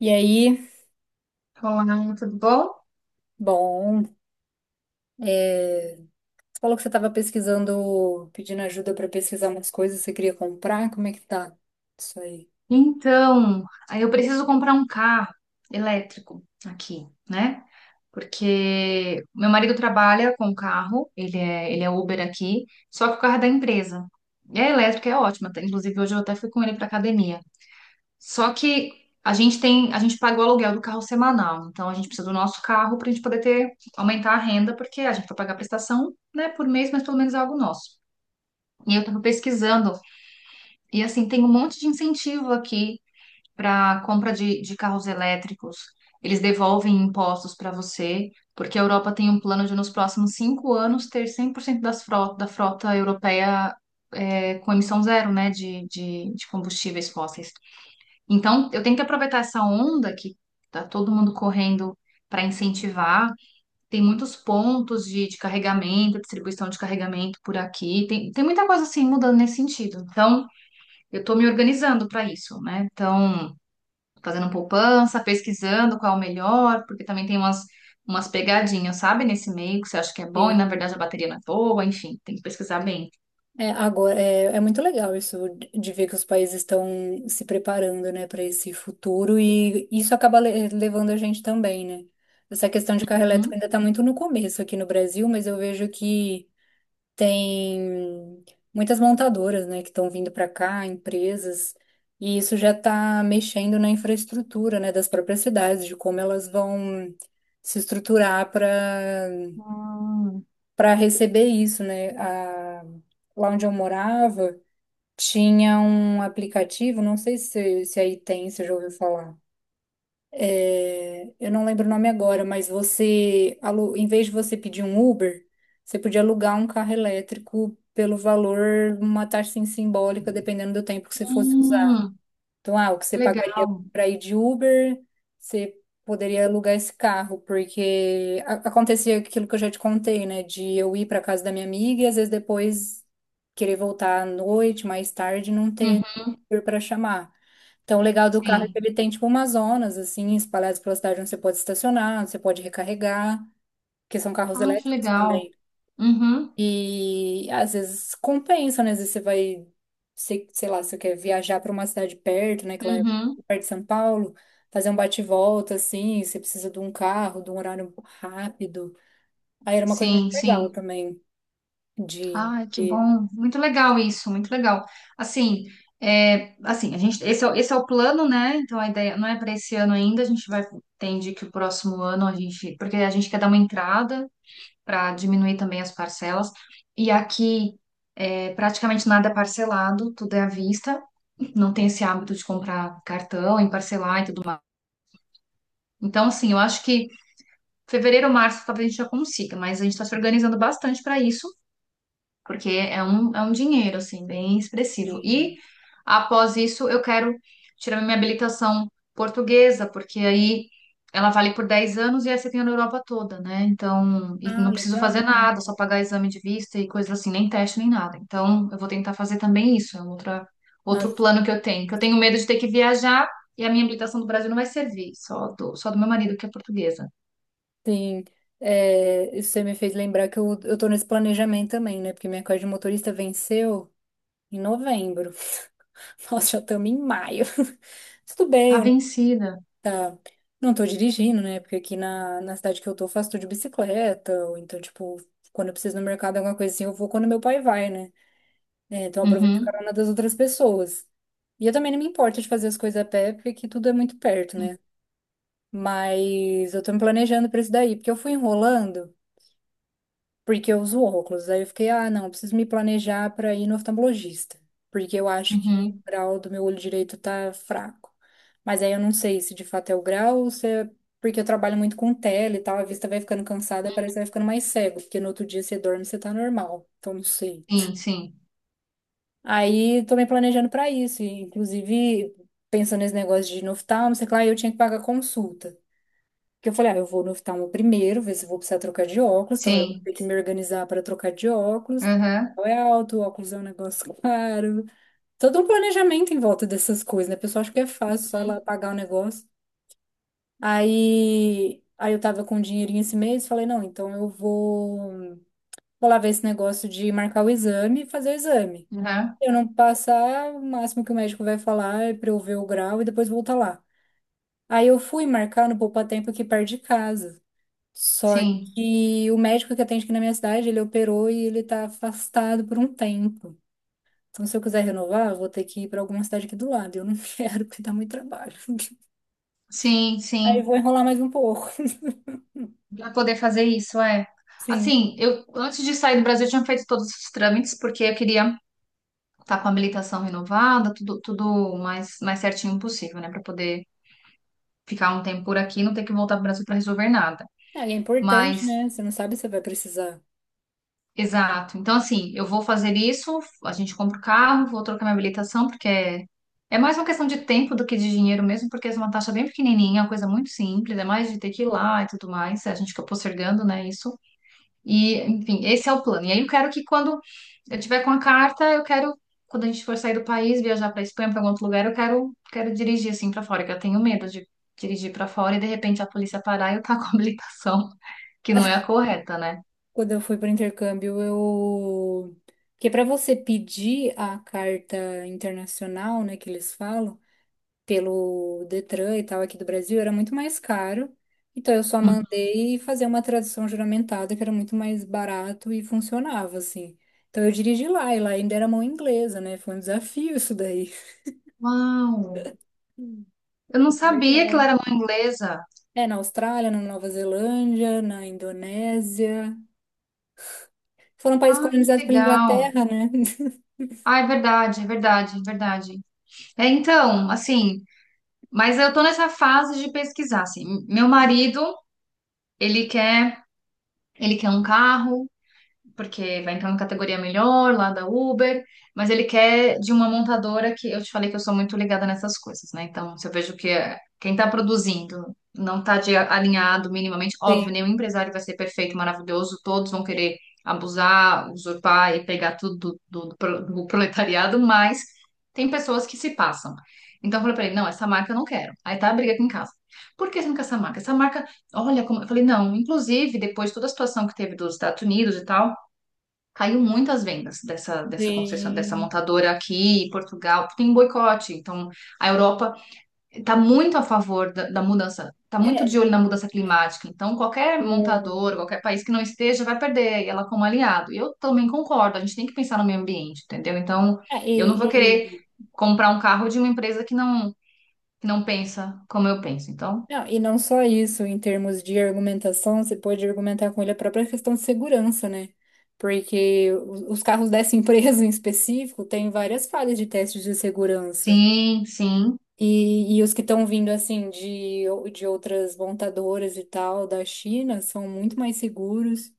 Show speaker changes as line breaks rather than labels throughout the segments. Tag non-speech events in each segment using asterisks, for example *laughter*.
E aí,
Olá, tudo bom?
bom, é, você falou que você estava pesquisando, pedindo ajuda para pesquisar umas coisas, você queria comprar, como é que tá isso aí?
Então, aí eu preciso comprar um carro elétrico aqui, né? Porque meu marido trabalha com carro, ele é Uber aqui, só que o carro é da empresa. E a elétrica é ótima, tá? Inclusive hoje eu até fui com ele para academia. Só que a gente paga o aluguel do carro semanal, então a gente precisa do nosso carro para a gente poder aumentar a renda, porque a gente vai pagar a prestação, né, por mês, mas pelo menos é algo nosso. E eu estava pesquisando. E assim, tem um monte de incentivo aqui para compra de carros elétricos. Eles devolvem impostos para você, porque a Europa tem um plano de, nos próximos 5 anos, ter 100% das frota, da frota europeia é, com emissão zero, né, de combustíveis fósseis. Então, eu tenho que aproveitar essa onda que tá todo mundo correndo para incentivar. Tem muitos pontos de carregamento, distribuição de carregamento por aqui. Tem muita coisa assim mudando nesse sentido. Então, eu estou me organizando para isso, né? Então, fazendo poupança, pesquisando qual é o melhor, porque também tem umas pegadinhas, sabe, nesse meio que você acha que é bom e
Sim.
na verdade a bateria não é boa, enfim, tem que pesquisar bem.
Agora, é muito legal isso de ver que os países estão se preparando, né, para esse futuro e isso acaba levando a gente também, né? Essa questão de carro elétrico
Uhum.
ainda está muito no começo aqui no Brasil, mas eu vejo que tem muitas montadoras, né, que estão vindo para cá, empresas, e isso já está mexendo na infraestrutura, né, das próprias cidades, de como elas vão se estruturar para
Hum.
receber isso, né? Lá onde eu morava, tinha um aplicativo, não sei se aí tem, se já ouviu falar. Eu não lembro o nome agora, mas em vez de você pedir um Uber, você podia alugar um carro elétrico pelo valor, uma taxa assim, simbólica, dependendo do tempo que você fosse usar.
Hum,
Então, ah, o que você pagaria
legal.
para ir de Uber, você poderia alugar esse carro, porque acontecia aquilo que eu já te contei, né? De eu ir para casa da minha amiga e às vezes depois querer voltar à noite, mais tarde, não
Uhum,
ter Uber para chamar. Então, o legal do carro é que
sim.
ele tem, tipo, umas zonas, assim, espalhadas pela cidade onde você pode estacionar, onde você pode recarregar, porque são carros
Ah, que
elétricos
legal.
também.
Uhum,
E às vezes compensa, né? Às vezes você vai, sei lá, você quer viajar para uma cidade perto, né? Que lá é
uhum.
perto de São Paulo, fazer um bate-volta, assim, você precisa de um carro, de um horário rápido. Aí era uma coisa muito
Sim,
legal
sim.
também de...
Ah, que
de-
bom. Muito legal isso, muito legal. Assim, é, assim, a gente, esse é o plano, né? Então a ideia não é para esse ano ainda, entende que o próximo ano a gente, porque a gente quer dar uma entrada para diminuir também as parcelas. E aqui é, praticamente nada é parcelado, tudo é à vista. Não tem esse hábito de comprar cartão e parcelar e tudo mais. Então, assim, eu acho que fevereiro, março, talvez a gente já consiga, mas a gente está se organizando bastante para isso. Porque é um dinheiro, assim, bem expressivo.
de-
E após isso, eu quero tirar minha habilitação portuguesa, porque aí ela vale por 10 anos e essa tem na Europa toda, né? Então, e
Ah,
não preciso fazer
legal.
nada, só pagar exame de vista e coisas assim, nem teste, nem nada. Então, eu vou tentar fazer também isso, é um outro
Nossa,
plano que eu tenho medo de ter que viajar. E a minha habilitação do Brasil não vai servir, só do meu marido, que é portuguesa.
sim, isso você me fez lembrar que eu tô nesse planejamento também, né? Porque minha carta de motorista venceu em novembro. *laughs* Nós já estamos em maio. *laughs* Tudo bem,
Tá
eu não,
vencida.
tá, não tô dirigindo, né? Porque aqui na cidade que eu tô, faço tudo de bicicleta. Ou então, tipo, quando eu preciso ir no mercado, alguma coisa assim, eu vou quando meu pai vai, né? É, então, eu aproveito a
Uhum.
carona das outras pessoas. E eu também não me importo de fazer as coisas a pé, porque aqui tudo é muito perto, né? Mas eu tô me planejando pra isso daí, porque eu fui enrolando, porque eu uso óculos. Aí eu fiquei, ah, não, eu preciso me planejar para ir no oftalmologista, porque eu acho que
Uhum.
o grau do meu olho direito tá fraco. Mas aí eu não sei se de fato é o grau ou se é porque eu trabalho muito com tela e tal, a vista vai ficando cansada, e parece que vai ficando mais cego, porque no outro dia você dorme, você tá normal. Então não sei.
Sim, sim,
Aí tô me planejando para isso, e, inclusive pensando nesse negócio de ir no oftalmo, sei lá, eu tinha que pagar consulta. Porque eu falei, ah, eu vou no oftalmo primeiro, ver se eu vou precisar trocar de óculos, então eu vou
sim.
ter que me organizar para trocar de óculos, porque
Aham,
o é alto, o óculos é um negócio *laughs* caro. Todo um planejamento em volta dessas coisas, né? A pessoa acha que é fácil só ir lá pagar o negócio. Aí eu tava com um dinheirinho esse mês, falei, não, então vou lá ver esse negócio de marcar o exame e fazer o exame.
aham.
Eu não passar, o máximo que o médico vai falar é para eu ver o grau e depois voltar lá. Aí eu fui marcar no Poupatempo aqui perto de casa. Só
Sim,
que o médico que atende aqui na minha cidade, ele operou e ele tá afastado por um tempo. Então, se eu quiser renovar, eu vou ter que ir para alguma cidade aqui do lado. Eu não *laughs* quero, porque dá muito trabalho.
sim,
Aí
sim.
eu vou enrolar mais um pouco.
Pra poder fazer isso, é.
*laughs* Sim.
Assim, eu antes de sair do Brasil, eu tinha feito todos os trâmites, porque eu queria estar com a habilitação renovada, tudo, tudo mais, mais certinho possível, né? Pra poder ficar um tempo por aqui e não ter que voltar para o Brasil para resolver nada.
Ah, e é importante,
Mas.
né? Você não sabe se vai precisar.
Exato. Então, assim, eu vou fazer isso, a gente compra o carro, vou trocar minha habilitação, porque é mais uma questão de tempo do que de dinheiro mesmo, porque é uma taxa bem pequenininha, é uma coisa muito simples, é mais de ter que ir lá e tudo mais, a gente fica postergando, né, isso. E, enfim, esse é o plano. E aí eu quero que quando eu tiver com a carta, eu quero, quando a gente for sair do país, viajar para Espanha, para algum outro lugar, quero dirigir, assim, para fora, que eu tenho medo de dirigir para fora e, de repente, a polícia parar e eu tá com a habilitação, que não é a correta, né?
Quando eu fui para intercâmbio, eu. Porque para você pedir a carta internacional, né, que eles falam, pelo Detran e tal aqui do Brasil, era muito mais caro. Então eu só
Uhum.
mandei fazer uma tradução juramentada que era muito mais barato e funcionava assim. Então eu dirigi lá e lá ainda era mão inglesa, né? Foi um desafio isso daí.
Uau!
Hum.
Eu não sabia que ela
Legal.
era mãe inglesa.
É, na Austrália, na Nova Zelândia, na Indonésia. Foram países
Ah, que
colonizados pela
legal.
Inglaterra, né? *laughs*
Ah, é verdade, é verdade, é verdade. É, então, assim, mas eu tô nessa fase de pesquisar, assim. Meu marido, ele quer, ele quer um carro, porque vai entrar na categoria melhor lá da Uber, mas ele quer de uma montadora que eu te falei que eu sou muito ligada nessas coisas, né? Então, se eu vejo que quem está produzindo não está alinhado minimamente, óbvio, nenhum
Sim,
empresário vai ser perfeito, maravilhoso, todos vão querer abusar, usurpar e pegar tudo do proletariado, mas tem pessoas que se passam. Então, eu falei pra ele, não, essa marca eu não quero. Aí tá a briga aqui em casa. Por que você não quer essa marca? Essa marca, olha como... Eu falei, não, inclusive, depois de toda a situação que teve dos Estados Unidos e tal, caiu muitas vendas dessa
sim.
montadora aqui em Portugal, porque tem um boicote. Então, a Europa está muito a favor da mudança, está muito de
É.
olho na mudança climática. Então, qualquer
Hum.
montador, qualquer país que não esteja, vai perder e ela como aliado. E eu também concordo, a gente tem que pensar no meio ambiente, entendeu? Então,
É,
eu não vou querer
e,
comprar um carro de uma empresa que não pensa como eu penso. Então,
Não, e não só isso, em termos de argumentação, você pode argumentar com ele a própria questão de segurança, né? Porque os carros dessa *laughs* empresa em específico têm várias falhas de testes de segurança.
sim, sim.
E os que estão vindo, assim, de outras montadoras e tal, da China, são muito mais seguros.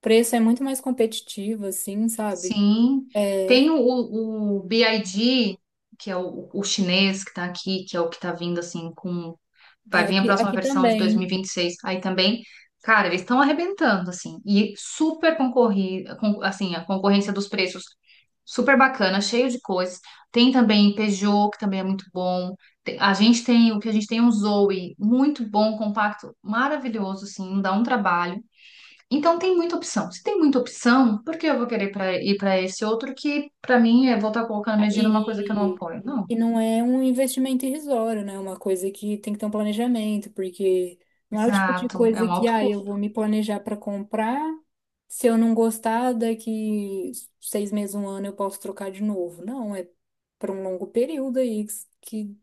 Preço é muito mais competitivo, assim, sabe?
Sim,
É,
tem o BID, que é o chinês que está aqui, que é o que está vindo assim com
é,
vai vir a próxima
aqui
versão de dois
também.
mil e vinte e seis. Aí também, cara, eles estão arrebentando assim e super concorrido, assim, a concorrência dos preços super bacana, cheio de coisas. Tem também Peugeot, que também é muito bom. A gente tem o que a gente tem é um Zoe, muito bom, compacto, maravilhoso, assim, não dá um trabalho. Então tem muita opção. Se tem muita opção, por que eu vou querer ir para esse outro que, para mim, é voltar colocando meu dinheiro numa coisa que eu não
E,
apoio? Não.
e não é um investimento irrisório, né? É uma coisa que tem que ter um planejamento, porque não é o tipo de
Exato. É
coisa
um
que,
alto
ah, eu
custo.
vou me planejar para comprar, se eu não gostar, daqui seis meses, um ano eu posso trocar de novo. Não, é para um longo período aí que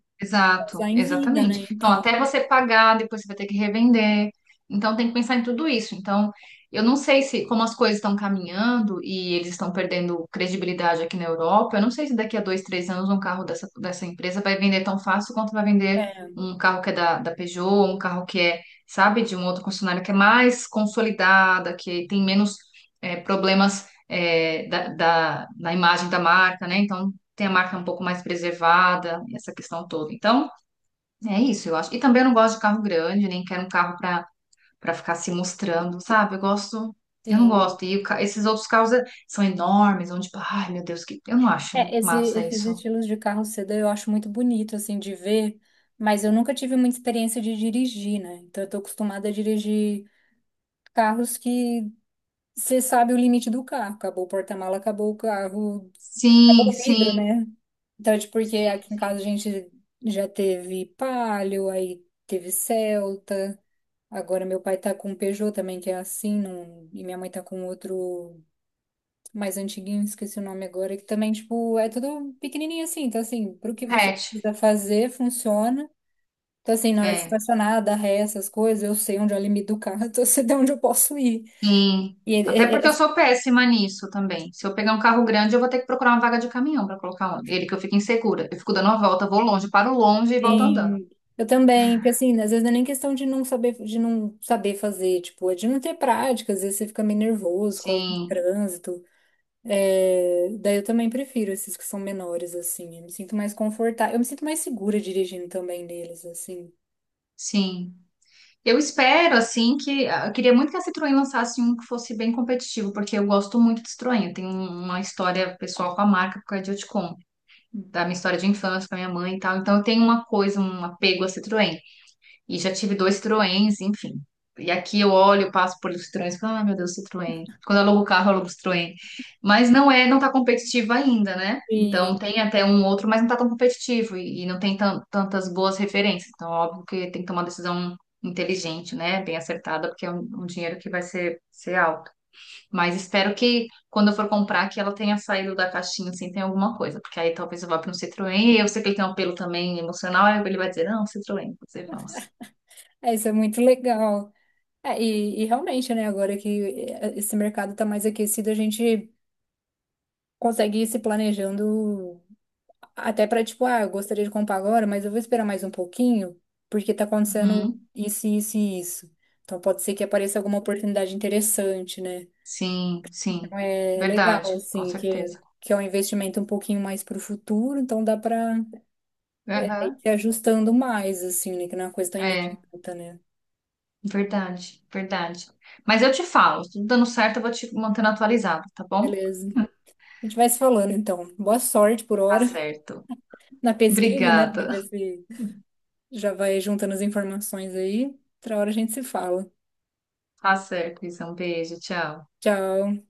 dá
Exato,
em vida,
exatamente.
né?
Então,
Então,
até você pagar, depois você vai ter que revender. Então, tem que pensar em tudo isso. Então, eu não sei se, como as coisas estão caminhando e eles estão perdendo credibilidade aqui na Europa, eu não sei se daqui a 2, 3 anos um carro dessa empresa vai vender tão fácil quanto vai vender
é,
um carro que é da Peugeot, um carro que é, sabe, de um outro concessionário que é mais consolidada, que tem menos problemas na imagem da marca, né? Então, tem a marca um pouco mais preservada, essa questão toda. Então, é isso, eu acho. E também eu não gosto de carro grande, nem quero um carro para ficar se mostrando, sabe? Eu gosto, eu não
tem.
gosto. E o esses outros carros é, são enormes, onde, tipo, ai, meu Deus, que eu não acho
É,
massa
esses
isso.
estilos de carro sedã eu acho muito bonito, assim, de ver, mas eu nunca tive muita experiência de dirigir, né? Então, eu tô acostumada a dirigir carros que você sabe o limite do carro. Acabou o porta-mala, acabou o carro,
Sim,
acabou o vidro,
sim,
né? Então, é tipo, porque
sim,
aqui em casa
sim.
a gente já teve Palio, aí teve Celta. Agora meu pai tá com um Peugeot também, que é assim, e minha mãe tá com outro mais antiguinho, esqueci o nome agora, que também, tipo, é tudo pequenininho assim. Então, assim, pro que você
Repete.
precisa fazer, funciona. Então, assim, na hora de
É,
estacionar, dar ré, essas coisas, eu sei onde é o limite do carro, *laughs* então eu sei de onde eu posso ir.
sim.
E é,
Até porque
é,
eu
é,
sou péssima nisso também. Se eu pegar um carro grande, eu vou ter que procurar uma vaga de caminhão para colocar ele, que eu fico insegura. Eu fico dando uma volta, vou longe, paro longe e volto andando.
Sim, eu também, porque assim, às vezes não é nem questão de não saber fazer, tipo, é de não ter prática, às vezes você fica meio nervoso por causa do
Sim,
trânsito. É, daí eu também prefiro esses que são menores, assim, eu me sinto mais confortável, eu me sinto mais segura dirigindo também neles, assim.
sim. Eu espero, assim, que, ah, eu queria muito que a Citroën lançasse um que fosse bem competitivo, porque eu gosto muito de Citroën. Eu tenho uma história pessoal com a marca, por causa de eu te conto, da minha história de infância, com a minha mãe e tal. Então, eu tenho uma coisa, um apego a Citroën. E já tive dois Citroëns, enfim. E aqui eu olho, passo por Citroëns, falo, ah, meu Deus, Citroën. Quando eu alugo o carro, eu alugo o Citroën. Mas não é, não tá competitivo ainda, né?
E
Então tem até um outro, mas não tá tão competitivo e não tem tantas boas referências. Então, óbvio que tem que tomar uma decisão inteligente, né? Bem acertada, porque é um dinheiro que vai ser alto. Mas espero que quando eu for comprar, que ela tenha saído da caixinha, assim, tem alguma coisa. Porque aí talvez eu vá para um Citroën, e eu sei que ele tem um apelo também emocional, aí ele vai dizer, não, Citroën, você vamos.
isso é muito legal. E realmente, né, agora que esse mercado tá mais aquecido, a gente consegue ir se planejando até pra, tipo, ah, eu gostaria de comprar agora, mas eu vou esperar mais um pouquinho, porque tá acontecendo
Uhum.
isso, isso e isso. Então pode ser que apareça alguma oportunidade interessante, né?
Sim,
Então
sim.
é
Verdade,
legal,
com
assim,
certeza.
que é um investimento um pouquinho mais pro futuro, então dá pra ir
Aham.
se ajustando mais, assim, né? Que não é uma coisa tão
É,
imediata, né?
verdade, verdade. Mas eu te falo, se tudo dando certo, eu vou te mantendo atualizado, tá bom?
Beleza. A gente vai se falando, então. Boa sorte por
Tá
hora
certo.
*laughs* na pesquisa, né? Pra
Obrigada.
ver se já vai juntando as informações aí. Outra hora a gente se fala.
Tá certo, Isa. Um beijo, tchau.
Tchau.